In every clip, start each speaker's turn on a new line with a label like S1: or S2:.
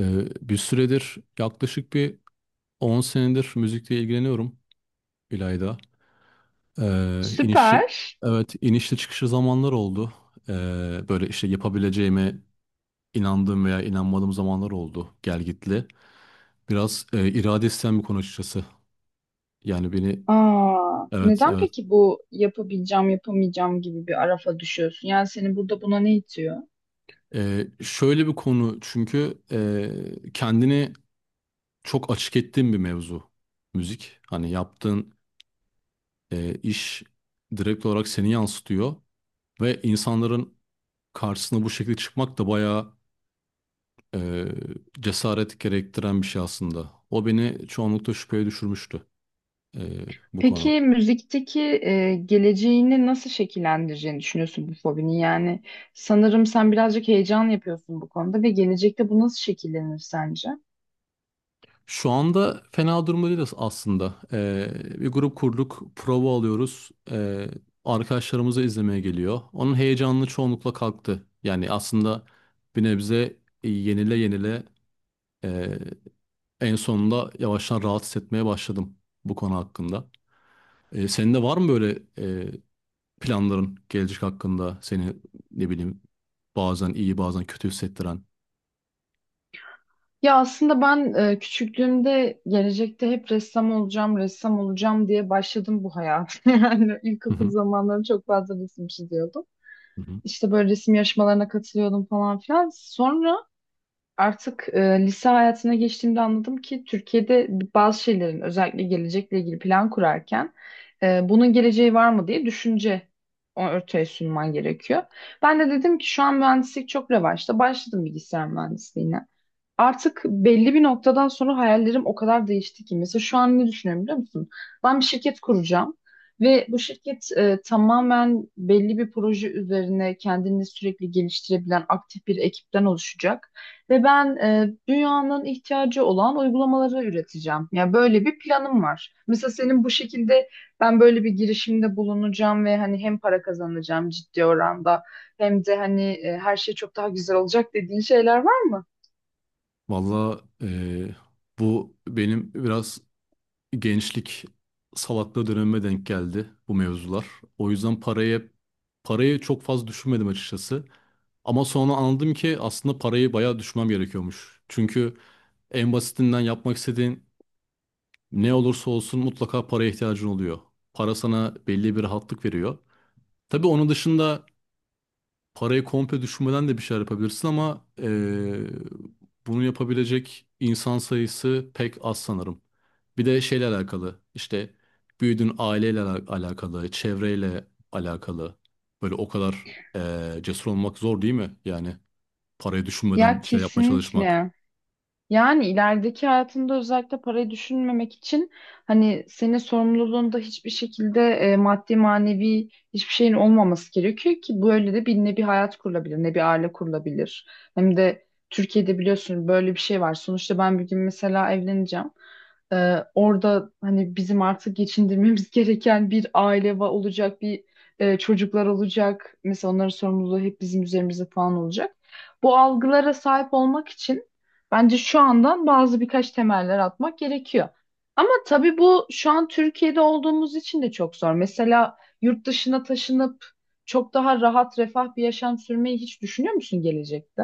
S1: Bir süredir yaklaşık 10 senedir müzikle ilgileniyorum İlayda. Ee, inişi,
S2: Süper.
S1: evet, inişli çıkışlı zamanlar oldu. Böyle işte yapabileceğime inandığım veya inanmadığım zamanlar oldu, gelgitli. Biraz irade isteyen bir konu açıkçası. Yani beni
S2: Aa,
S1: evet,
S2: neden
S1: evet.
S2: peki bu yapabileceğim, yapamayacağım gibi bir arafa düşüyorsun? Yani seni burada buna ne itiyor?
S1: Şöyle bir konu, çünkü kendini çok açık ettiğim bir mevzu müzik. Hani yaptığın iş direkt olarak seni yansıtıyor. Ve insanların karşısına bu şekilde çıkmak da bayağı eee, cesaret gerektiren bir şey aslında. O beni çoğunlukla şüpheye düşürmüştü eee, bu konu.
S2: Peki müzikteki geleceğini nasıl şekillendireceğini düşünüyorsun bu fobini? Yani sanırım sen birazcık heyecan yapıyorsun bu konuda ve gelecekte bu nasıl şekillenir sence?
S1: Şu anda fena durumda değiliz aslında. Bir grup kurduk, prova alıyoruz. Arkadaşlarımızı izlemeye geliyor. Onun heyecanını çoğunlukla kalktı. Yani aslında bir nebze yenile yenile eee, en sonunda yavaştan rahat hissetmeye başladım bu konu hakkında. Senin de var mı böyle e, planların gelecek hakkında seni ne bileyim bazen iyi bazen kötü hissettiren.
S2: Ya aslında ben küçüklüğümde gelecekte hep ressam olacağım, ressam olacağım diye başladım bu hayata. Yani
S1: Hı
S2: ilkokul
S1: hı.
S2: zamanlarım çok fazla resim çiziyordum.
S1: Hı hı.
S2: İşte böyle resim yarışmalarına katılıyordum falan filan. Sonra artık lise hayatına geçtiğimde anladım ki Türkiye'de bazı şeylerin özellikle gelecekle ilgili plan kurarken bunun geleceği var mı diye düşünce ortaya sunman gerekiyor. Ben de dedim ki şu an mühendislik çok revaçta. Başladım bilgisayar mühendisliğine artık belli bir noktadan sonra hayallerim o kadar değişti ki. Mesela şu an ne düşünüyorum biliyor musun? Ben bir şirket kuracağım ve bu şirket tamamen belli bir proje üzerine kendini sürekli geliştirebilen aktif bir ekipten oluşacak. Ve ben dünyanın ihtiyacı olan uygulamaları üreteceğim. Yani böyle bir planım var. Mesela senin bu şekilde ben böyle bir girişimde bulunacağım ve hani hem para kazanacağım ciddi oranda hem de hani her şey çok daha güzel olacak dediğin şeyler var mı?
S1: Valla bu benim biraz gençlik salaklığı dönemime denk geldi bu mevzular. O yüzden parayı çok fazla düşünmedim açıkçası. Ama sonra anladım ki aslında parayı bayağı düşünmem gerekiyormuş. Çünkü en basitinden yapmak istediğin ne olursa olsun mutlaka paraya ihtiyacın oluyor. Para sana belli bir rahatlık veriyor. Tabii onun dışında parayı komple düşürmeden de bir şeyler yapabilirsin, ama bunu yapabilecek insan sayısı pek az sanırım. Bir de şeyle alakalı, işte büyüdüğün aileyle alakalı, çevreyle alakalı. Böyle o kadar cesur olmak zor değil mi? Yani parayı düşünmeden
S2: Ya
S1: bir şey yapmaya çalışmak.
S2: kesinlikle. Yani ilerideki hayatında özellikle parayı düşünmemek için hani senin sorumluluğunda hiçbir şekilde maddi manevi hiçbir şeyin olmaması gerekiyor ki böyle de bir ne bir hayat kurulabilir ne bir aile kurulabilir. Hem de Türkiye'de biliyorsun böyle bir şey var. Sonuçta ben bir gün mesela evleneceğim. Orada hani bizim artık geçindirmemiz gereken bir aile olacak, bir çocuklar olacak. Mesela onların sorumluluğu hep bizim üzerimizde falan olacak. Bu algılara sahip olmak için bence şu andan bazı birkaç temeller atmak gerekiyor. Ama tabii bu şu an Türkiye'de olduğumuz için de çok zor. Mesela yurt dışına taşınıp çok daha rahat, refah bir yaşam sürmeyi hiç düşünüyor musun gelecekte?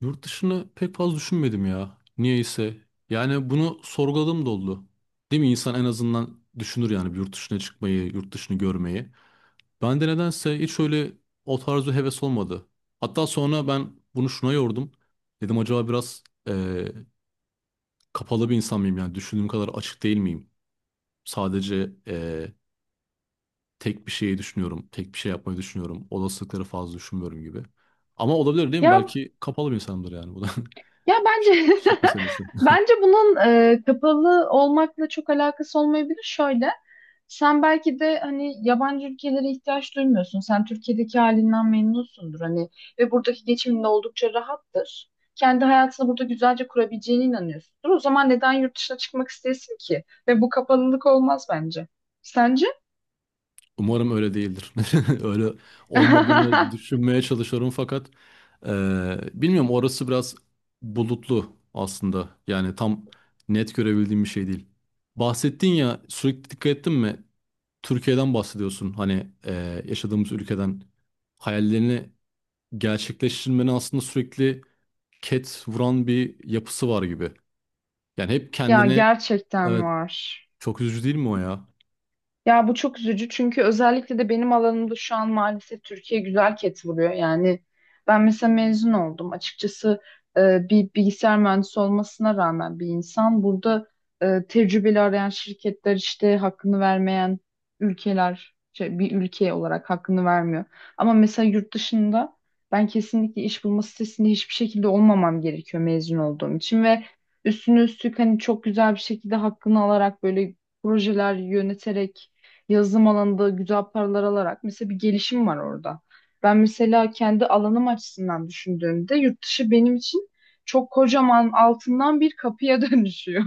S1: Yurt dışını pek fazla düşünmedim ya. Niyeyse. Yani bunu sorguladığım da oldu. Değil mi? İnsan en azından düşünür yani, bir yurt dışına çıkmayı, yurt dışını görmeyi. Ben de nedense hiç öyle o tarzı heves olmadı. Hatta sonra ben bunu şuna yordum. Dedim acaba biraz kapalı bir insan mıyım, yani düşündüğüm kadar açık değil miyim? Sadece tek bir şeyi düşünüyorum, tek bir şey yapmayı düşünüyorum. Olasılıkları fazla düşünmüyorum gibi. Ama olabilir değil mi?
S2: Ya
S1: Belki kapalı bir insanımdır, yani bu da
S2: ya bence
S1: kişilik meselesi.
S2: bence bunun kapalı olmakla çok alakası olmayabilir. Şöyle, sen belki de hani yabancı ülkelere ihtiyaç duymuyorsun. Sen Türkiye'deki halinden memnunsundur hani ve buradaki geçimin de oldukça rahattır. Kendi hayatını burada güzelce kurabileceğine inanıyorsundur. O zaman neden yurt dışına çıkmak istesin ki? Ve bu kapalılık olmaz bence. Sence?
S1: Umarım öyle değildir. Öyle olmadığını düşünmeye çalışıyorum, fakat bilmiyorum, orası biraz bulutlu aslında. Yani tam net görebildiğim bir şey değil. Bahsettin ya, sürekli dikkat ettin mi? Türkiye'den bahsediyorsun. Hani yaşadığımız ülkeden hayallerini gerçekleştirmenin aslında sürekli ket vuran bir yapısı var gibi. Yani hep
S2: Ya
S1: kendini
S2: gerçekten
S1: evet,
S2: var.
S1: çok üzücü değil mi o ya?
S2: Ya bu çok üzücü çünkü özellikle de benim alanımda şu an maalesef Türkiye güzel ket vuruyor. Yani ben mesela mezun oldum. Açıkçası bir bilgisayar mühendisi olmasına rağmen bir insan burada tecrübeli arayan şirketler işte hakkını vermeyen ülkeler şey, bir ülke olarak hakkını vermiyor. Ama mesela yurt dışında ben kesinlikle iş bulma sitesinde hiçbir şekilde olmamam gerekiyor mezun olduğum için ve üstüne üstlük hani çok güzel bir şekilde hakkını alarak böyle projeler yöneterek yazılım alanında güzel paralar alarak mesela bir gelişim var orada. Ben mesela kendi alanım açısından düşündüğümde yurt dışı benim için çok kocaman altından bir kapıya dönüşüyor.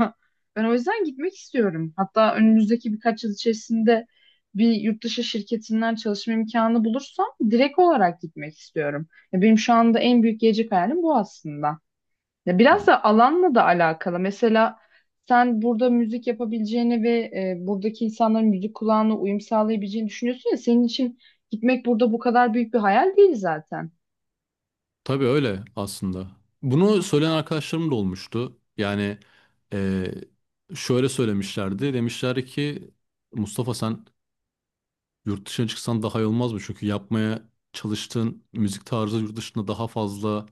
S2: Ben o yüzden gitmek istiyorum. Hatta önümüzdeki birkaç yıl içerisinde bir yurt dışı şirketinden çalışma imkanı bulursam direkt olarak gitmek istiyorum. Ya benim şu anda en büyük gelecek hayalim bu aslında. Ya biraz
S1: Yani
S2: da alanla da alakalı. Mesela sen burada müzik yapabileceğini ve buradaki insanların müzik kulağına uyum sağlayabileceğini düşünüyorsun ya senin için gitmek burada bu kadar büyük bir hayal değil zaten.
S1: tabii öyle aslında. Bunu söyleyen arkadaşlarım da olmuştu. Yani eee, şöyle söylemişlerdi. Demişler ki Mustafa sen yurt dışına çıksan daha iyi olmaz mı? Çünkü yapmaya çalıştığın müzik tarzı yurt dışında daha fazla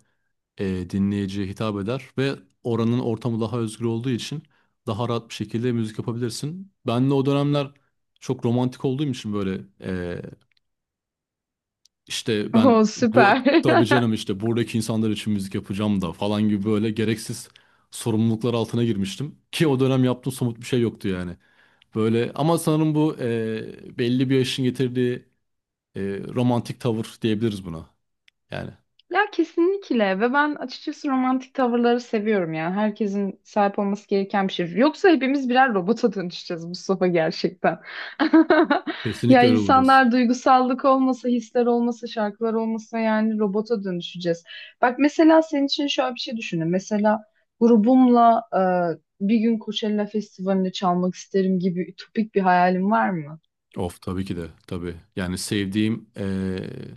S1: dinleyiciye hitap eder ve oranın ortamı daha özgür olduğu için daha rahat bir şekilde müzik yapabilirsin. Ben de o dönemler çok romantik olduğum için böyle işte ben
S2: Oh
S1: bu
S2: süper.
S1: tabii canım, işte buradaki insanlar için müzik yapacağım da falan gibi böyle gereksiz sorumluluklar altına girmiştim. Ki o dönem yaptığım somut bir şey yoktu yani. Böyle, ama sanırım bu belli bir yaşın getirdiği e, romantik tavır diyebiliriz buna. Yani
S2: Ya kesinlikle ve ben açıkçası romantik tavırları seviyorum yani herkesin sahip olması gereken bir şey. Yoksa hepimiz birer robota dönüşeceğiz Mustafa gerçekten. Ya
S1: kesinlikle öyle olacağız.
S2: insanlar duygusallık olmasa, hisler olmasa, şarkılar olmasa yani robota dönüşeceğiz. Bak mesela senin için şöyle bir şey düşünün. Mesela grubumla bir gün Coachella Festivali'nde çalmak isterim gibi ütopik bir hayalim var mı?
S1: Of, tabii ki de tabii. Yani sevdiğim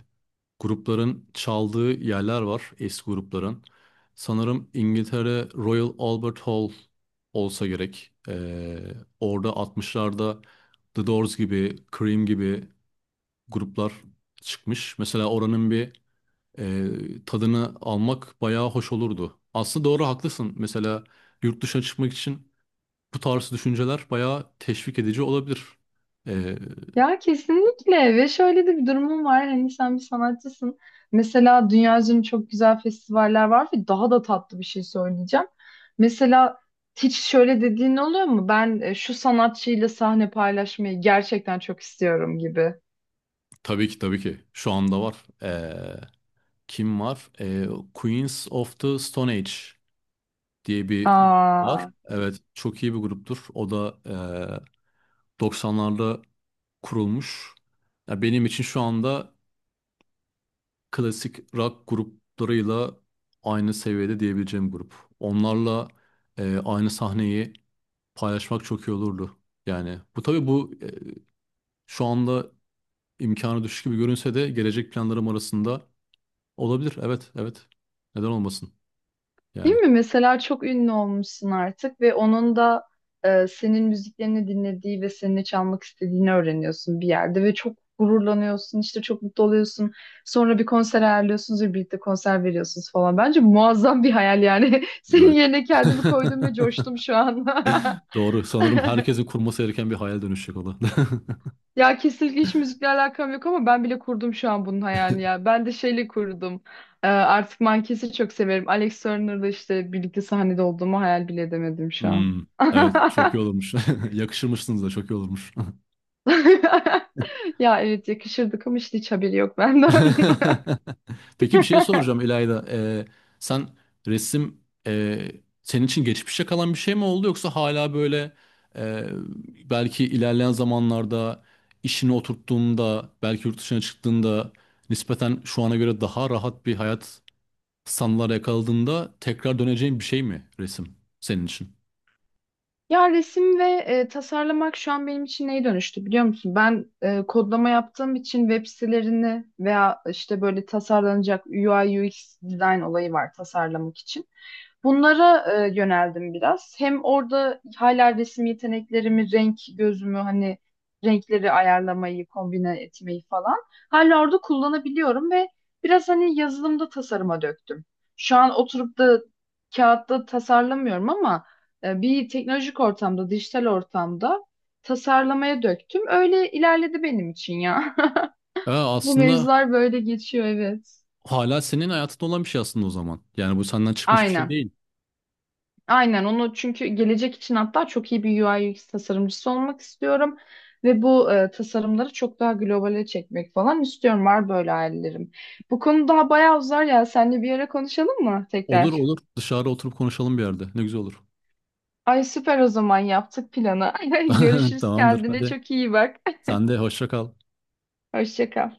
S1: grupların çaldığı yerler var, eski grupların. Sanırım İngiltere Royal Albert Hall olsa gerek. Orada 60'larda The Doors gibi, Cream gibi gruplar çıkmış. Mesela oranın bir tadını almak bayağı hoş olurdu. Aslında doğru, haklısın. Mesela yurt dışına çıkmak için bu tarz düşünceler bayağı teşvik edici olabilir. Ee,
S2: Ya kesinlikle ve şöyle de bir durumum var hani sen bir sanatçısın, mesela dünya üzerinde çok güzel festivaller var ve daha da tatlı bir şey söyleyeceğim. Mesela hiç şöyle dediğin oluyor mu ben şu sanatçıyla sahne paylaşmayı gerçekten çok istiyorum gibi.
S1: tabii ki tabii ki şu anda var. Ee, Kim var? Queens of the Stone Age diye bir grup var.
S2: Aa.
S1: Evet, çok iyi bir gruptur. O da 90'larda kurulmuş. Ya benim için şu anda klasik rock gruplarıyla aynı seviyede diyebileceğim grup. Onlarla aynı sahneyi paylaşmak çok iyi olurdu. Yani bu tabii bu şu anda imkanı düşük gibi görünse de gelecek planlarım arasında olabilir. Evet, evet. Neden olmasın?
S2: Değil
S1: Yani.
S2: mi? Mesela çok ünlü olmuşsun artık ve onun da senin müziklerini dinlediği ve seninle çalmak istediğini öğreniyorsun bir yerde ve çok gururlanıyorsun, işte çok mutlu oluyorsun. Sonra bir konser ayarlıyorsunuz ve birlikte konser veriyorsunuz falan. Bence muazzam bir hayal yani. Senin
S1: Evet.
S2: yerine kendimi koydum ve coştum şu an.
S1: Doğru. Sanırım herkesin kurması gereken bir hayal dönüşecek o da.
S2: Ya kesinlikle hiç müzikle alakam yok ama ben bile kurdum şu an bunun hayalini ya. Ben de şeyle kurdum. Artık Mankes'i çok severim. Alex Turner'la işte birlikte sahnede olduğumu hayal bile edemedim şu an.
S1: Hmm, evet, çok iyi olurmuş. Yakışırmışsınız da, çok iyi olurmuş.
S2: Ya evet yakışırdık ama işte hiç haberi yok benden.
S1: Peki bir şey soracağım İlayda. Sen resim senin için geçmişe kalan bir şey mi oldu, yoksa hala böyle e, belki ilerleyen zamanlarda işini oturttuğunda, belki yurt dışına çıktığında nispeten şu ana göre daha rahat bir hayat sanılar yakaladığında tekrar döneceğin bir şey mi resim senin için?
S2: Ya resim ve tasarlamak şu an benim için neye dönüştü biliyor musun? Ben kodlama yaptığım için web sitelerini veya işte böyle tasarlanacak UI UX design olayı var tasarlamak için. Bunlara yöneldim biraz. Hem orada hala resim yeteneklerimi, renk gözümü hani renkleri ayarlamayı, kombine etmeyi falan hala orada kullanabiliyorum ve biraz hani yazılımda tasarıma döktüm. Şu an oturup da kağıtta tasarlamıyorum ama bir teknolojik ortamda, dijital ortamda tasarlamaya döktüm. Öyle ilerledi benim için ya. Bu
S1: Aslında
S2: mevzular böyle geçiyor, evet.
S1: hala senin hayatında olan bir şey aslında o zaman. Yani bu senden çıkmış bir şey
S2: Aynen.
S1: değil.
S2: Aynen onu çünkü gelecek için hatta çok iyi bir UI UX tasarımcısı olmak istiyorum. Ve bu tasarımları çok daha globale çekmek falan istiyorum. Var böyle hayallerim. Bu konu daha bayağı uzar ya. Seninle bir ara konuşalım mı
S1: Olur,
S2: tekrar?
S1: olur, dışarı oturup konuşalım bir yerde. Ne güzel olur.
S2: Ay süper, o zaman yaptık planı. Görüşürüz,
S1: Tamamdır,
S2: kendine
S1: hadi.
S2: çok iyi bak.
S1: Sen de hoşça kal.
S2: Hoşça kal.